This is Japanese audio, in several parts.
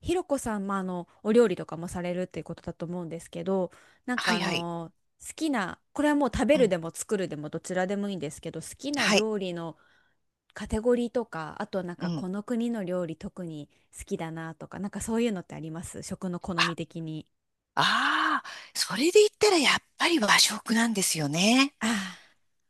ひろこさん、お料理とかもされるっていうことだと思うんですけど、なんかはいあはい。の、好きな、これはもう食べうるん。でも作るでもどちらでもいいんですけど、好きなはい。料理のカテゴリーとか、あとはなんうかん。この国の料理特に好きだなとか、なんかそういうのってあります食の好みあ、的に。ああ、それで言ったらやっぱり和食なんですよね。ああ、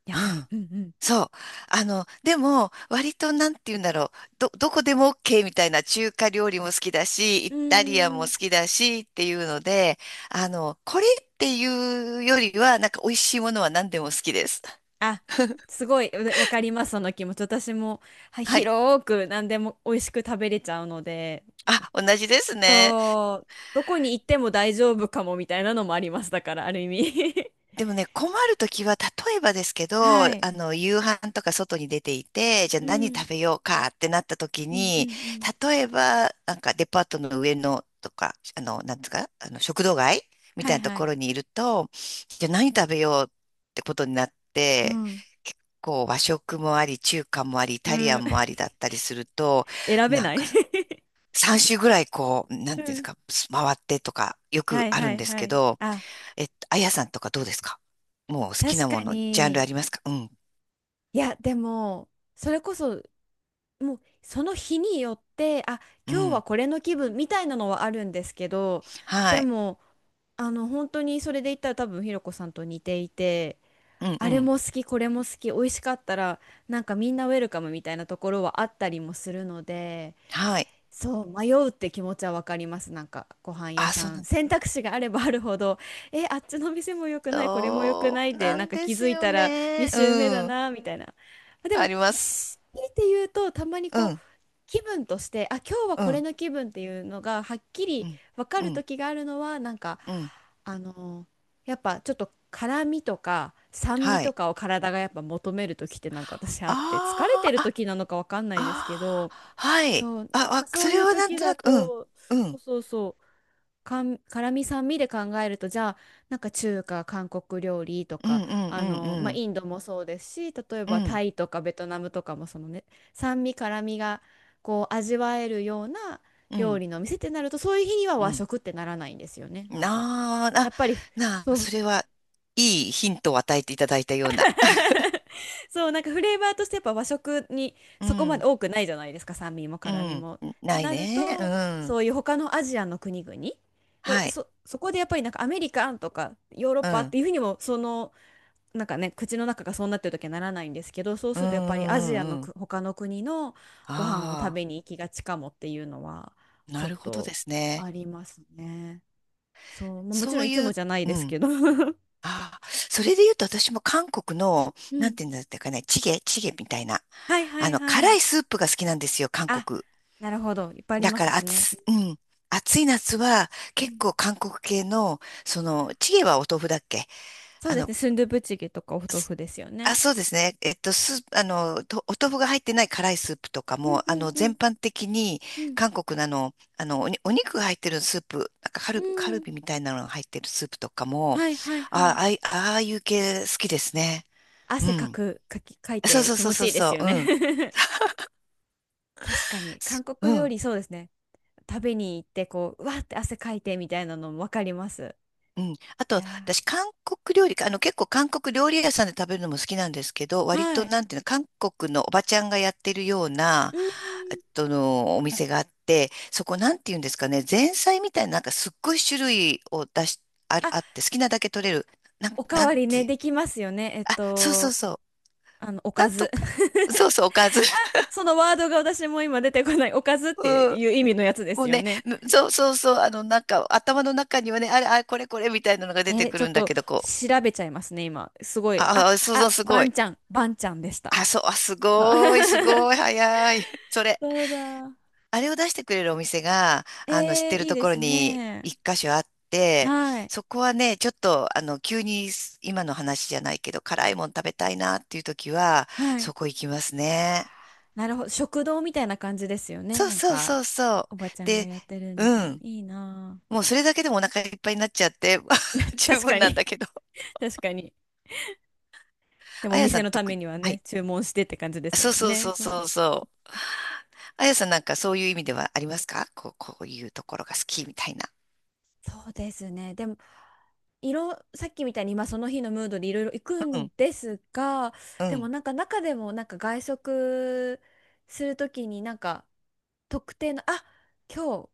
やうっぱり。ん。うんそう。でも、割となんて言うんだろう。どこでも OK みたいな中華料理も好きだし、イうん。うタリんアうンもんう好ん。きだしっていうので、これっていうよりは、なんか美味しいものは何でも好きです。あ、すごい、わわかります、その気持ち。私も、はい、はい。広く何でも美味しく食べれちゃうので。あ、同じですね。そう、どこに行っても大丈夫かもみたいなのもあります。だから、ある意味 でもね、困るときは、例えばですけ ど、はい。夕飯とか外に出ていて、じゃあう何ん。食べようかってなったときうんうんに、うん。例えば、なんかデパートの上のとか、なんですか、食堂街みはたいいなとはこい。ろにいると、じゃあ何食べようってことになっうて、ん。結構和食もあり、中華もあり、イうタリアん、ンもあり だったりすると、選べなんない か 3週ぐらいこう、なうんていうんですんか、回ってとかよはくいあるはんいですはけい。ど、あ、あやさんとかどうですか？もう好き確なもかの、ジャンルに。ありますか？うん。いや、でも、それこそ、もう、その日によって、あ、う今日はん。これの気分みたいなのはあるんですけど、はでい。も、本当にそれで言ったら多分、ひろこさんと似ていて、うんうあれん。も好き、これも好き、美味しかったら、なんかみんなウェルカムみたいなところはあったりもするので、はい。そう、迷うって気持ちはわかります。なんかご飯屋あ、そうさなん。んだ。選択肢があればあるほど、え、あっちの店も良くない、これも良くそないうで、ななんんかで気すづいよたら2ね。周目だうん。な、みたいな。あであも、ります。強いて言うと、たまにうこう、ん。気分としてあ今日はうこれん。の気分っていうのがはっきうりん。分かうるん。時があるのはなんかうん。あのやっぱちょっと辛みとか酸味はとい。かを体がやっぱ求める時ってなんか私あって疲れてあるーあ、時なのか分かんないですけあど、あ、はそい。う、なんあ、かあ、そそうれいうはなん時となだく、うん。と、うそうん。そうそう、辛味酸味で考えるとじゃあなんか中華韓国料理とうか、んまうあ、んインドもそうですし例えうんうばん。うタん。イとかベトナムとかもそのね、酸味辛味がこう味わえるようなう料ん。理のお店ってなるとそういう日にはう和ん。食ってならないんですよね。なんかなあ、な、やっぱり、なそあ、うそれは、いいヒントを与えていただいたような。そう、なんかフレーバーとしてやっぱ和食に うそこまでん。多くないじゃないですか、酸味もう辛味ん。も。ってないなるね。うと、ん。そういう他のアジアの国々、まはあ、い。そこでやっぱりなんかアメリカンとかヨーロッうパっん。ていうふうにも、その、なんかね、口の中がそうなってる時はならないんですけど、そううすんうるとやっぱりアジんうアのんうん。他の国のご飯を食あべに行きがちかもっていうのは、あ、ちょなっるほどとですね。ありますね。そう、まあ、もちそろんういついもう、じゃないうですん。けど。うああ、それで言うと私も韓国の、なんん。ていうんだったかね、チゲみたいな。はいはいは辛い。いスープが好きなんですよ、韓あ国。なるほど。いっぱいありだまかすらしね。暑、うん。暑い夏は結構韓国系の、チゲはお豆腐だっけ？そうあですの、ね。スンドゥブチゲとかお豆腐ですよあ、ね。そうですね。スープ、とお豆腐が入ってない辛いスープとかうんも、うんうん全般的に、うん。韓国のお肉が入ってるスープ、なんかうカルん。ビみたいなのが入ってるスープとかも、はいはいはあ、い。ああいう系好きですね。う汗かん。く、かき、かいそうてそう気そう持そちいういですそよう、うん。ね。確かに。韓すう国料ん。理そうですね。食べに行ってこう、うわーって汗かいてみたいなのもわかります。うん。あいと、やー。私、韓国料理か、結構韓国料理屋さんで食べるのも好きなんですけど、割はと、い。なんていうの、韓国のおばちゃんがやってるような、うん。えっとの、お店があって、そこ、なんていうんですかね、前菜みたいな、なんかすっごい種類を出し、あ、あ、あって、好きなだけ取れる。おかなんわりてね、いう、できますよね。あ、そうそうそう。おなかんとず。か、そう そう、おかず。そのワードが私も今出てこない。おかずってうん。いう意味のやつでもすうよね、ね。むそうそうそう、なんか、頭の中にはね、あれ、あれ、これ、これ、みたいなのが出えてーくちょっるんだとけど、こう、調べちゃいますね、今。すごい。あ、ああ、そうそう、すバごい。ンちゃん、バンちゃんでした。あ、そう、あ、すあ ごい、すごい、早い。それ、そうだ。あれを出してくれるお店が、知っえー、てるいいとでころすにね。一箇所あって、はい。そこはね、ちょっと、急に今の話じゃないけど、辛いもん食べたいなっていう時は、はい。そこ行きますね。なるほど。食堂みたいな感じですよね。そうなんそうか、そうそおう。ばちゃんがで、やってるみうたいな。ん。いいなあ。もうそれだけでもお腹いっぱいになっちゃって、十確分かなんだに。けど。確かに。でもあおやさ店んのた特めに。にははね、い。注文してって感じですそうもんそうそね。うそうそう。あやさんなんかそういう意味ではありますか？こう、こういうところが好きみたいな。そうですね。でも、さっきみたいに今その日のムードでいろいろ行くうんん、ですが、うでもん、なんか中でもなんか外食するときになんか特定の、あ、今日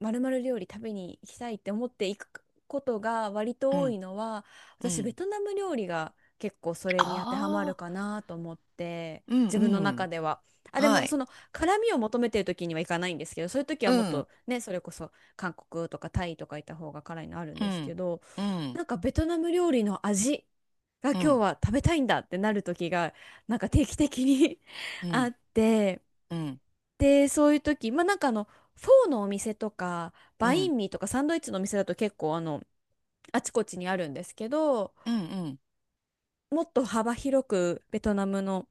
まるまる料理食べに行きたいって思って行くことが割うと多ん、いのは、う私ベん。トナム料理が結構それに当てはまあるあ、かなと思って、うん、自分のう中ん。では。あ、ではもい。その辛みを求めてる時にはいかないんですけど、そういう時はうもっん、とね、それこそ韓国とかタイとかいた方が辛いのあるんうですけん、ど、うん、なんかベトナム料理の味がう今日ん、は食べたいんだってなる時がなんか定期的に う あん、って、うん、でそういう時、まあ、フォーのお店とかうバイん、ンミーとかサンドイッチのお店だと結構あちこちにあるんですけど、うん、うん。もっと幅広くベトナムの、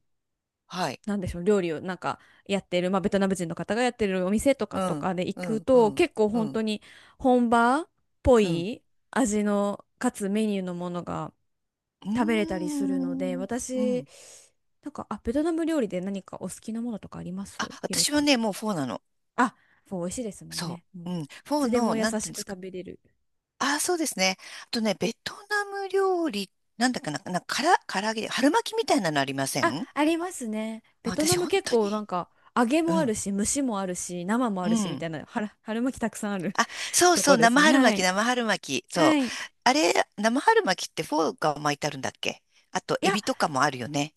はい。なんでしょう、料理をなんかやってる、まあ、ベトナム人の方がやってるお店とかうとん、かで行うくん、うと、ん、結構う本ん、当に本場っぽうん。い味の、かつメニューのものがう食べれたりーするので、ん、う私、ん。なんか、あ、ベトナム料理で何かお好きなものとかありまあ、すひろ私はこさね、ん。もうフォーなの。あ、そう美味しいですもんそね。もうう。いうん。フォーつでの、も優なんていしうんでくすか。食べれる。ああ、そうですね。あとね、ベトナム料理、なんだかな、な、から、唐揚げ、春巻きみたいなのありませあ、ん？ありますね。あ、ベトナ私、ム本結当構なに。んか、揚げうもあるん、し、蒸しもあるし、生もあうるし、みたん。いな、春巻きたくさんある あ、そうとそこう、です生ね。春は巻き、い。生春巻き。そう。はい。あれ、生春巻きってフォーが巻いてあるんだっけ？あと、いエや、ビとかもあるよね。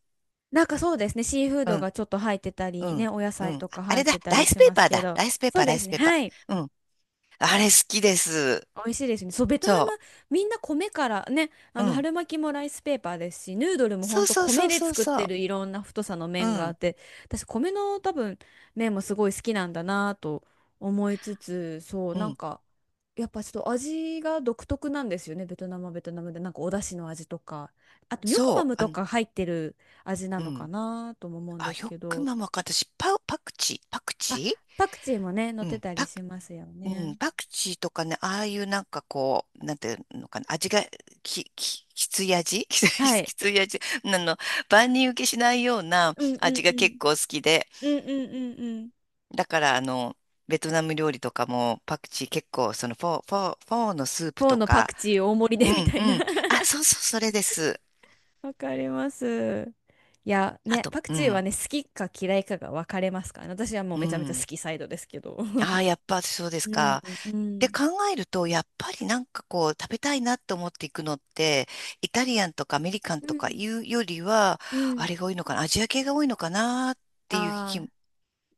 なんかそうですね。シーフーうドん、がちょっと入ってたうり、ね、ん、お野う菜ん。とあかあ入れっだ、てたラりイスしペーまパすーけだ。ど。ライスペーそパうー、ラでイすスね。ペーパはい。ー。うん。あれ好きです。美味しいですね。そう、ベトナム、そみんな米からね、う。うん。春巻きもライスペーパーですし、ヌードルもほそんうとそう米そうでそう作っそてう。るいろんな太さのう麺があっん、て、私、米の多分、麺もすごい好きなんだなと思いつつ、そう、うなんん。か、やっぱちょっと味が独特なんですよね、ベトナムはベトナムで。なんかお出汁の味とか、あと、ニョクそマう。ムとか入ってる味なうのかん。なとも思うんであ、すよけくど、ママか、私、パクチー、パクあ、チパクチーもね、乗ーっうてん、たりしますようん、ね。パクチーとかね、ああいうなんかこう、なんていうのかな、味が、きつい味 はい。きつい味万人受けしないようなうんう味んうが結ん。構好きで、うんうんうんうん。だから、ベトナム料理とかもパクチー結構、フォーのスープーとのパか、クチー大盛りうでみんたういな ん。あ、そうそう、それです。わかります。いや、あね、と、パクうチーはん、ね、好きか嫌いかが分かれますからね。私はもううめちゃめちゃ好ん。きサイドですけど。あ あ、やっぱそうですうん、か。うでん、考えると、やっぱりなんかこう食べたいなと思っていくのって、イタリアンとかアメリカンうとかん、いうよりは、うあん。れが多いのかな、アジア系が多いのかなっていう気も、あ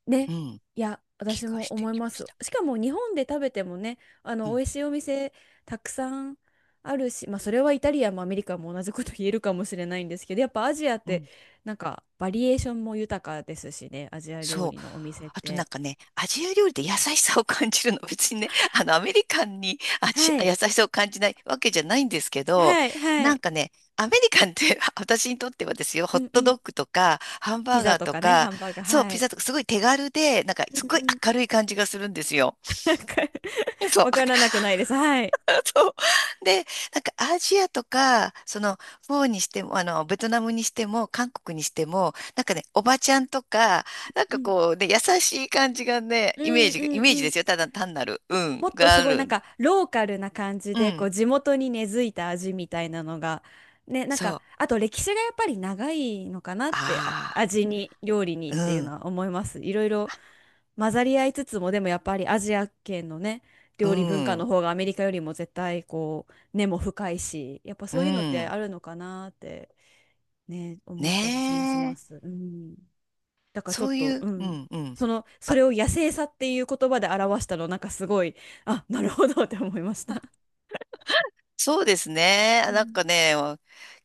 あ、うね。ん、いや、気私がもして思いきまましす。た。しかも日本で食べてもね、うん、美味しいお店たくさんあるし、まあ、それはイタリアもアメリカも同じこと言えるかもしれないんですけど、やっぱアジアっうて、ん。なんか、バリエーションも豊かですしね、アジア料そう。理のお店っあとなんて。かね、アジア料理で優しさを感じるの。別にね、アメリカンには優い。しさを感じないわけじゃないんですけど、はい。はなんい。かね、アメリカンって 私にとってはですよ、うホッんうトドん。ッグとか、ハンピバーザガーととかね、ハか、ンバーガー。そう、はピい。ザとか、すごい手軽で、なんか、すうごいんうん。明るい感じがするんですよ。なんか そう。わからなくないです。はい。そう。で、なんかアジアとか、フォーにしても、ベトナムにしても、韓国にしても、なんかね、おばちゃんとか、なんうかん。こうね、優しい感じがね、うイメんージうが、イんメージうでん。すよ。ただ単なる、うん、もっとがすあごいなる。んかローカルな感じうでこん、う地元に根付いた味みたいなのがね、なんそかう。あと歴史がやっぱり長いのかなって、あ、あ味に、料理にっあ、うていうのん、は思います。いろいろ混ざり合いつつも、でもやっぱりアジア圏のね、う料理文化のん、方がアメリカよりも絶対こう根も深いしやっぱうそういうのってん。あるのかなってね、思ったりしますしねまえ。す。うん、だからちょそっういと、う、ううん、ん、うん。そのそあ、れを野生さっていう言葉で表したのなんかすごい、あなるほどって思いました。そうですね。うなんかんね、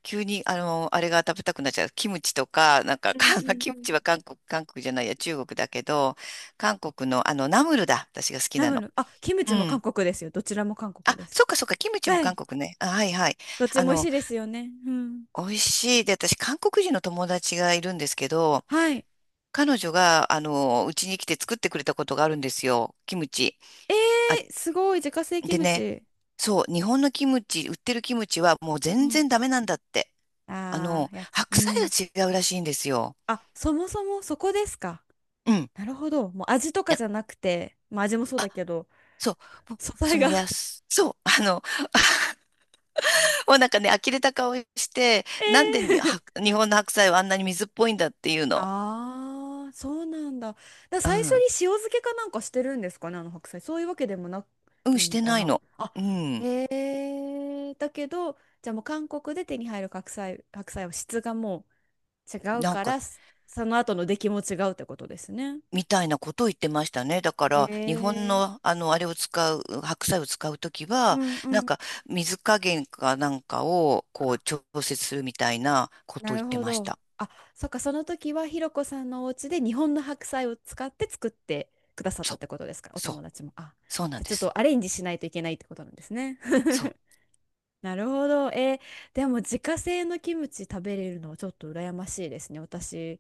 急に、あれが食べたくなっちゃう。キムチとか、なんか、うか んうん うキムん。チは韓国、韓国じゃないや、中国だけど、韓国の、ナムルだ。私が好きナなムの。ル、あ、キムうチも韓ん。国ですよ。どちらも韓国あ、です。そっかそっか、キムチもは韓い。国ね。あ、はいはい。どっちあも美味しの、いですよね。うん。美味しい。で、私、韓国人の友達がいるんですけど、はい。彼女が、うちに来て作ってくれたことがあるんですよ。キムチ。えあ、ー、すごい、自家製キでムね、チ。そう、日本のキムチ、売ってるキムチはもうう全ん然ダメなんだって。ああ、やっ、う白菜ん。が違うらしいんですよ。あ、そもそもそこですか。うん。なるほど。もう味とかや、じゃなくて、まあ味もそうだけど、そう。もう素材そのやが す、そう。もうなんかね、呆れた顔して、えなんでには、え 日本の白菜はあんなに水っぽいんだっていう の。ああ、そうなんだ。だからう最初にん。塩漬けかなんかしてるんですかね、あの白菜。そういうわけでもなうん、いしのてかないな。の。あ、うん。ええだけど、じゃあもう韓国で手に入る白菜、白菜は質がもう違うなんかか、ら、その後の出来も違うってことですね。みたいなことを言ってましたね。だから、日本えの、えあれを使う、白菜を使うときうは、んうなんん。か、水加減かなんかを、こう、調節するみたいなこなとを言るってほましど。た。あ、そっか、その時はひろこさんのお家で日本の白菜を使って作ってくださっそたっう、てことですか、おそう、友達も。あ、そうなじんゃあでちょっす。とアレンジしないといけないってことなんですね。そう なるほど。えーでも自家製のキムチ食べれるのはちょっと羨ましいですね。私、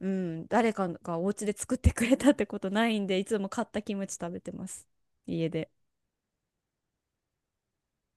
うん、誰かがお家で作ってくれたってことないんで、いつも買ったキムチ食べてます。家で。